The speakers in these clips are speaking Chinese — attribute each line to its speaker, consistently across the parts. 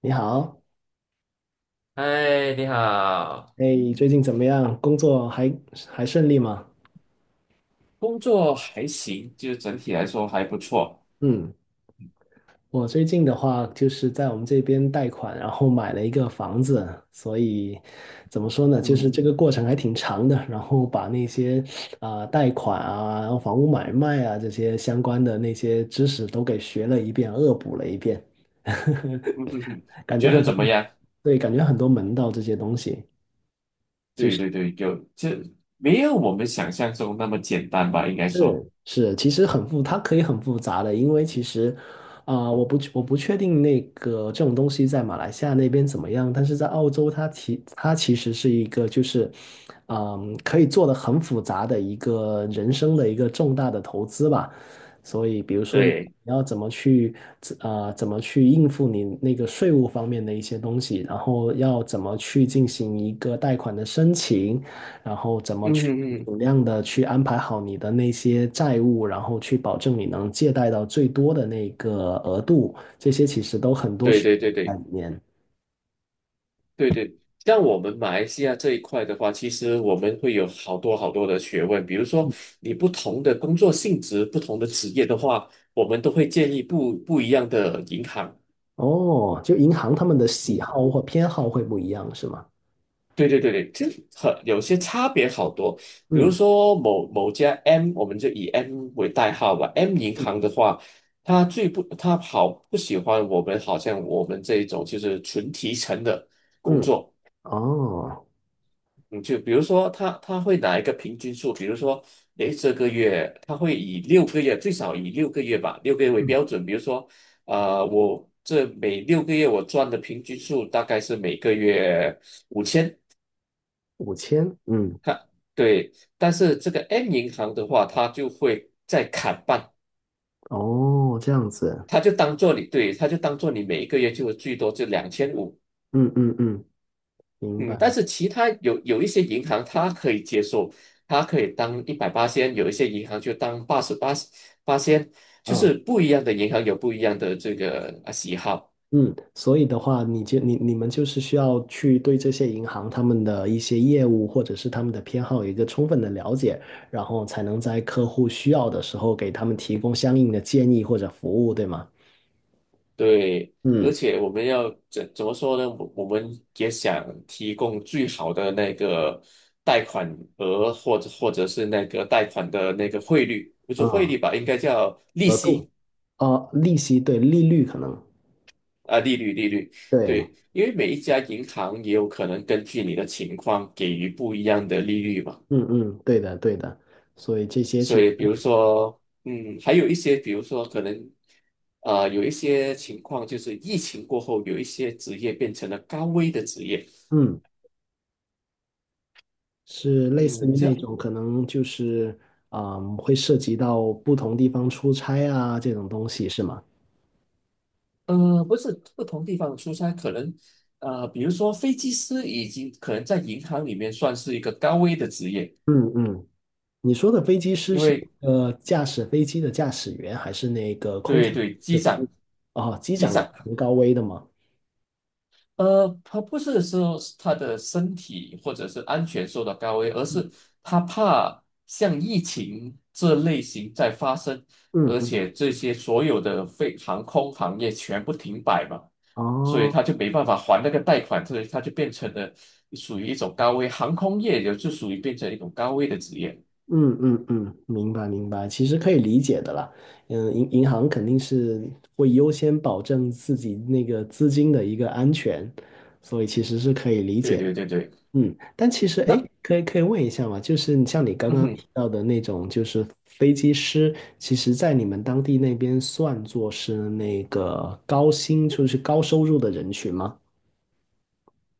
Speaker 1: 你好，
Speaker 2: 嗨，你好。
Speaker 1: 哎，最近怎么样？工作还顺利吗？
Speaker 2: 工作还行，就是整体来说还不错。
Speaker 1: 嗯，我最近的话就是在我们这边贷款，然后买了一个房子，所以怎么说呢，就是
Speaker 2: 嗯
Speaker 1: 这个过程还挺长的，然后把那些贷款啊，然后房屋买卖啊这些相关的那些知识都给学了一遍，恶补了一遍，
Speaker 2: 嗯哼哼，
Speaker 1: 感觉
Speaker 2: 觉
Speaker 1: 很
Speaker 2: 得
Speaker 1: 多，
Speaker 2: 怎么样？
Speaker 1: 对，感觉很多门道这些东西。
Speaker 2: 对对对，没有我们想象中那么简单吧？应该说，
Speaker 1: 是，其实很复，它可以很复杂的，因为其实，我不确定那个这种东西在马来西亚那边怎么样，但是在澳洲它其实是一个就是，嗯，可以做的很复杂的一个人生的一个重大的投资吧，所以比如说你
Speaker 2: 对，
Speaker 1: 你要怎么去，啊，怎么去应付你那个税务方面的一些东西，然后要怎么去进行一个贷款的申请。然后怎么
Speaker 2: 嗯
Speaker 1: 去
Speaker 2: 嗯嗯，
Speaker 1: 尽量的去安排好你的那些债务，然后去保证你能借贷到最多的那个额度，这些其实都很多
Speaker 2: 对
Speaker 1: 学
Speaker 2: 对
Speaker 1: 问
Speaker 2: 对
Speaker 1: 在
Speaker 2: 对
Speaker 1: 里面。
Speaker 2: 对对。像我们马来西亚这一块的话，其实我们会有好多好多的学问，比如说你不同的工作性质、不同的职业的话，我们都会建议不一样的银行。
Speaker 1: 哦，就银行他们的喜
Speaker 2: 嗯。
Speaker 1: 好或偏好会不一样，是吗？
Speaker 2: 对对对对，这很有些差别好多。比如
Speaker 1: 嗯
Speaker 2: 说某某家 M，我们就以 M 为代号吧。M 银行的话，它好不喜欢我们，好像我们这一种就是纯提成的工
Speaker 1: 嗯，
Speaker 2: 作。
Speaker 1: 哦，
Speaker 2: 嗯，就比如说它会拿一个平均数，比如说，诶，这个月它会以六个月，最少以六个月吧，六个月为
Speaker 1: 嗯，
Speaker 2: 标准。比如说，我这每6个月我赚的平均数大概是每个月。
Speaker 1: 五千，嗯，
Speaker 2: 它对，但是这个 M 银行的话，它就会再砍半。
Speaker 1: 哦，这样子，
Speaker 2: 它就当做你对，它就当做你每一个月就最多就2500。
Speaker 1: 嗯嗯嗯，明
Speaker 2: 嗯，但
Speaker 1: 白。
Speaker 2: 是其他有一些银行它可以接受，它可以当180仙，有一些银行就当八十八仙，就
Speaker 1: 嗯。
Speaker 2: 是不一样的银行有不一样的这个喜好。
Speaker 1: 嗯，所以的话，你们就是需要去对这些银行他们的一些业务或者是他们的偏好有一个充分的了解，然后才能在客户需要的时候给他们提供相应的建议或者服务，对吗？
Speaker 2: 对，而
Speaker 1: 嗯，
Speaker 2: 且我们要怎么说呢？我们也想提供最好的那个贷款额，或者是那个贷款的那个汇率，不是汇
Speaker 1: 啊，
Speaker 2: 率吧，应该叫利
Speaker 1: 额度，
Speaker 2: 息
Speaker 1: 啊，利息，对，利率可能，
Speaker 2: 啊，利率。
Speaker 1: 对，
Speaker 2: 对，因为每一家银行也有可能根据你的情况给予不一样的利率嘛。
Speaker 1: 嗯嗯，对的对的，所以这些其
Speaker 2: 所以，比
Speaker 1: 实，
Speaker 2: 如说，还有一些，比如说可能，有一些情况就是疫情过后，有一些职业变成了高危的职业。
Speaker 1: 嗯，是类似
Speaker 2: 嗯，
Speaker 1: 于那种可能就是，嗯，会涉及到不同地方出差啊这种东西，是吗？
Speaker 2: 不是不同地方的出差。可能比如说飞机师已经可能在银行里面算是一个高危的职业。
Speaker 1: 嗯嗯。你说的飞机师
Speaker 2: 因
Speaker 1: 是
Speaker 2: 为
Speaker 1: 驾驶飞机的驾驶员，还是那个空
Speaker 2: 对
Speaker 1: 乘？
Speaker 2: 对，
Speaker 1: 是
Speaker 2: 机
Speaker 1: 服务
Speaker 2: 长
Speaker 1: 哦，机
Speaker 2: 机
Speaker 1: 长有
Speaker 2: 长
Speaker 1: 很高危的吗？
Speaker 2: 他不是说是他的身体或者是安全受到高危，而是他怕像疫情这类型在发生，
Speaker 1: 嗯
Speaker 2: 而
Speaker 1: 嗯，
Speaker 2: 且这些所有的航空行业全部停摆嘛，所以
Speaker 1: 哦，
Speaker 2: 他就没办法还那个贷款，所以他就变成了属于一种高危，航空业也就属于变成一种高危的职业。
Speaker 1: 嗯嗯嗯，明白明白，其实可以理解的啦。嗯，银行肯定是会优先保证自己那个资金的一个安全，所以其实是可以理解
Speaker 2: 对
Speaker 1: 的。
Speaker 2: 对对对，
Speaker 1: 嗯，但其实，哎，
Speaker 2: 那
Speaker 1: 可以问一下嘛，就是你像你刚
Speaker 2: 嗯
Speaker 1: 刚
Speaker 2: 哼。
Speaker 1: 提到的那种，就是飞机师，其实在你们当地那边算作是那个高薪，就是高收入的人群吗？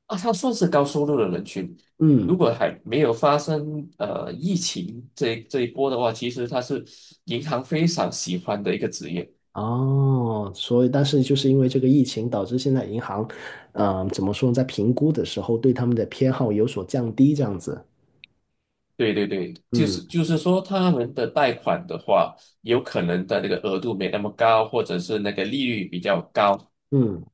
Speaker 2: 啊，它算是高收入的人群。如
Speaker 1: 嗯，
Speaker 2: 果还没有发生疫情这一波的话，其实它是银行非常喜欢的一个职业。
Speaker 1: 哦，所以但是就是因为这个疫情，导致现在银行，怎么说呢，在评估的时候对他们的偏好有所降低，这样子。
Speaker 2: 对对对，就是
Speaker 1: 嗯
Speaker 2: 就是说，他们的贷款的话，有可能的那个额度没那么高，或者是那个利率比较高。
Speaker 1: 嗯。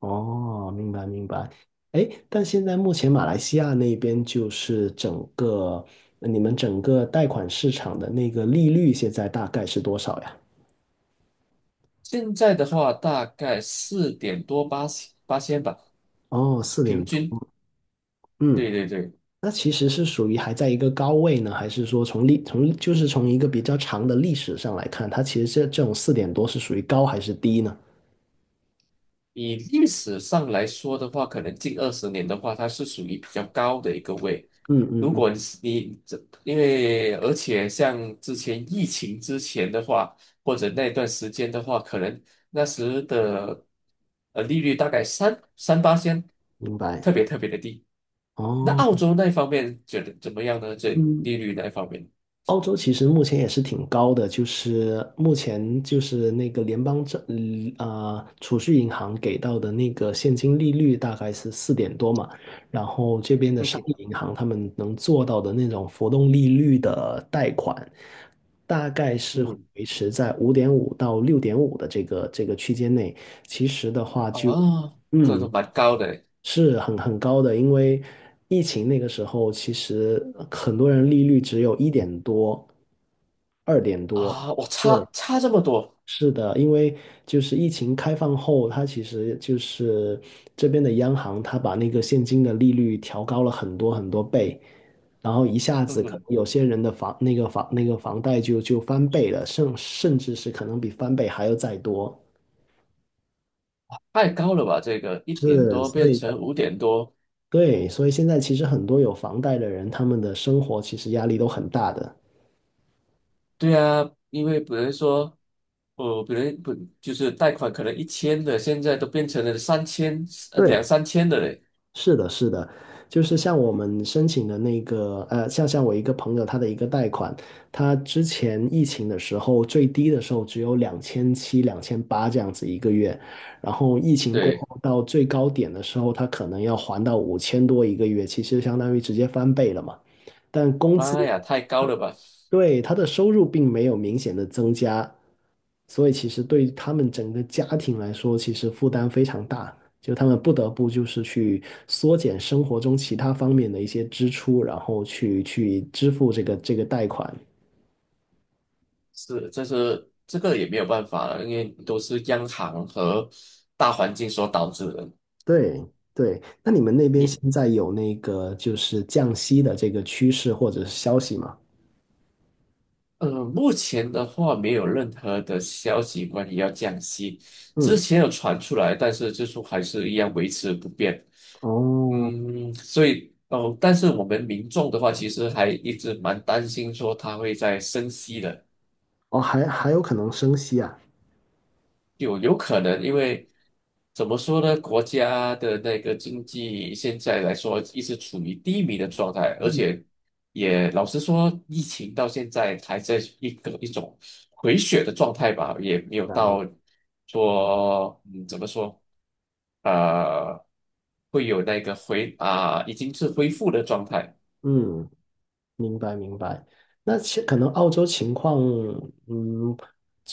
Speaker 1: 哦，明白明白。哎，但现在目前马来西亚那边就是整个你们整个贷款市场的那个利率现在大概是多少呀？
Speaker 2: 现在的话，大概4点多八千吧，
Speaker 1: 哦，四
Speaker 2: 平
Speaker 1: 点多。
Speaker 2: 均。
Speaker 1: 嗯，
Speaker 2: 对对对。
Speaker 1: 那其实是属于还在一个高位呢，还是说从就是从一个比较长的历史上来看，它其实这种四点多是属于高还是低呢？
Speaker 2: 以历史上来说的话，可能近20年的话，它是属于比较高的一个位。
Speaker 1: 嗯嗯
Speaker 2: 如
Speaker 1: 嗯，
Speaker 2: 果你是你这，而且像之前疫情之前的话，或者那段时间的话，可能那时的利率大概三八仙，
Speaker 1: 明白。
Speaker 2: 特别特别的低。那
Speaker 1: 哦，
Speaker 2: 澳洲那方面觉得怎么样呢？
Speaker 1: 嗯，
Speaker 2: 利率那方面，
Speaker 1: 澳洲其实目前也是挺高的，就是目前就是那个联邦政嗯呃储蓄银行给到的那个现金利率大概是四点多嘛，然后这边的
Speaker 2: 嗯
Speaker 1: 商业
Speaker 2: 哼，
Speaker 1: 银行他们能做到的那种浮动利率的贷款，大概是会
Speaker 2: 嗯，
Speaker 1: 维持在5.5到6.5的这个区间内。其实的话
Speaker 2: 啊，
Speaker 1: 就
Speaker 2: 这
Speaker 1: 嗯。
Speaker 2: 都蛮高的
Speaker 1: 是很高的，因为疫情那个时候，其实很多人利率只有1点多、2点多。
Speaker 2: 啊。我
Speaker 1: 对，
Speaker 2: 差这么多，
Speaker 1: 是的，因为就是疫情开放后，它其实就是这边的央行，它把那个现金的利率调高了很多很多倍，然后一下
Speaker 2: 嗯
Speaker 1: 子可
Speaker 2: 哼。
Speaker 1: 能有些人的房那个房那个房贷就翻倍了，甚至是可能比翻倍还要再多。
Speaker 2: 太高了吧？这个一点
Speaker 1: 是，
Speaker 2: 多
Speaker 1: 所
Speaker 2: 变
Speaker 1: 以
Speaker 2: 成5点多。
Speaker 1: 对，所以现在其实很多有房贷的人，他们的生活其实压力都很大的。
Speaker 2: 对啊，因为比如说，比如不就是贷款可能1000的，现在都变成了三千，两
Speaker 1: 对，
Speaker 2: 三千的嘞。
Speaker 1: 是的，是的，就是像我们申请的那个，呃，像我一个朋友，他的一个贷款，他之前疫情的时候最低的时候只有2700、2800这样子一个月，然后疫情过
Speaker 2: 对，
Speaker 1: 后到最高点的时候，他可能要还到5000多一个月，其实相当于直接翻倍了嘛。但工资
Speaker 2: 妈呀，太高了吧？
Speaker 1: 对，他的收入并没有明显的增加，所以其实对于他们整个家庭来说，其实负担非常大，就他们不得不就是去缩减生活中其他方面的一些支出，然后去支付这个贷款。
Speaker 2: 是，这个也没有办法了，因为都是央行和大环境所导致的。
Speaker 1: 对对，那你们那边
Speaker 2: 你
Speaker 1: 现在有那个就是降息的这个趋势或者是消息吗？
Speaker 2: 目前的话没有任何的消息关于要降息，之
Speaker 1: 嗯，
Speaker 2: 前有传出来，但是最初还是一样维持不变。
Speaker 1: 哦
Speaker 2: 嗯，所以哦，但是我们民众的话，其实还一直蛮担心说它会在升息的。
Speaker 1: 哦，还有可能升息啊。
Speaker 2: 有可能。因为怎么说呢，国家的那个经济现在来说一直处于低迷的状态，而
Speaker 1: 嗯，
Speaker 2: 且也老实说，疫情到现在还在一种回血的状态吧，也没有到说怎么说，啊？会有那个已经是恢复的状态。
Speaker 1: 嗯。明白明白，那其可能澳洲情况，嗯，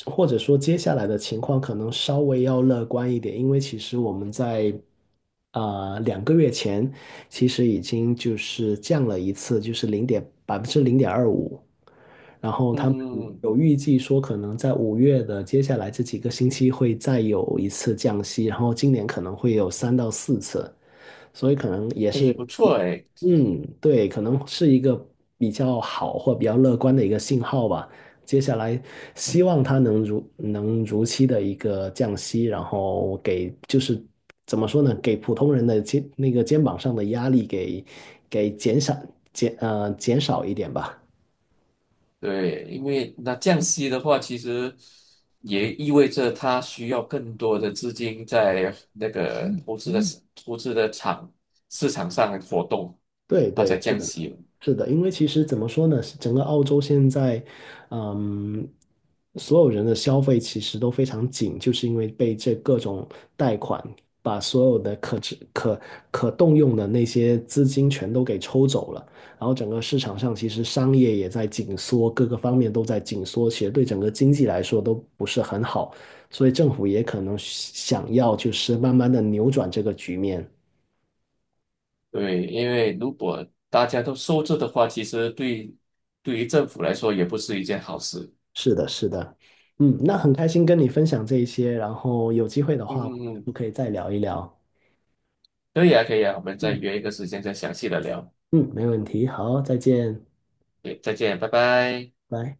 Speaker 1: 或者说接下来的情况可能稍微要乐观一点，因为其实我们在2个月前，其实已经就是降了一次，就是0.25%，然后他们
Speaker 2: 嗯，
Speaker 1: 有预计说可能在5月的接下来这几个星期会再有一次降息，然后今年可能会有3到4次。所以可能也
Speaker 2: 诶，
Speaker 1: 是，
Speaker 2: 不错诶。
Speaker 1: 嗯，对，可能是一个比较好或比较乐观的一个信号吧。接下来希望它能如期的一个降息，然后给就是怎么说呢，给普通人的肩那个肩膀上的压力给减少一点吧。
Speaker 2: 对，因为那降息的话，其实也意味着它需要更多的资金在那个投资的市场上活动，
Speaker 1: 对
Speaker 2: 它才
Speaker 1: 对，是
Speaker 2: 降
Speaker 1: 的，
Speaker 2: 息嘛。
Speaker 1: 是的，因为其实怎么说呢，整个澳洲现在，嗯，所有人的消费其实都非常紧，就是因为被这各种贷款把所有的可支可可动用的那些资金全都给抽走了，然后整个市场上其实商业也在紧缩，各个方面都在紧缩，其实对整个经济来说都不是很好，所以政府也可能想要就是慢慢的扭转这个局面。
Speaker 2: 对，因为如果大家都收着的话，其实对于政府来说也不是一件好事。
Speaker 1: 是的，是的，嗯，那很开心跟你分享这一些，然后有机会的
Speaker 2: 嗯
Speaker 1: 话，我
Speaker 2: 嗯嗯，
Speaker 1: 们可以再聊一聊。
Speaker 2: 可以啊，可以啊，我们再约一个时间再详细的聊。
Speaker 1: 嗯，没问题，好，再见，
Speaker 2: 对，再见，拜拜。
Speaker 1: 拜。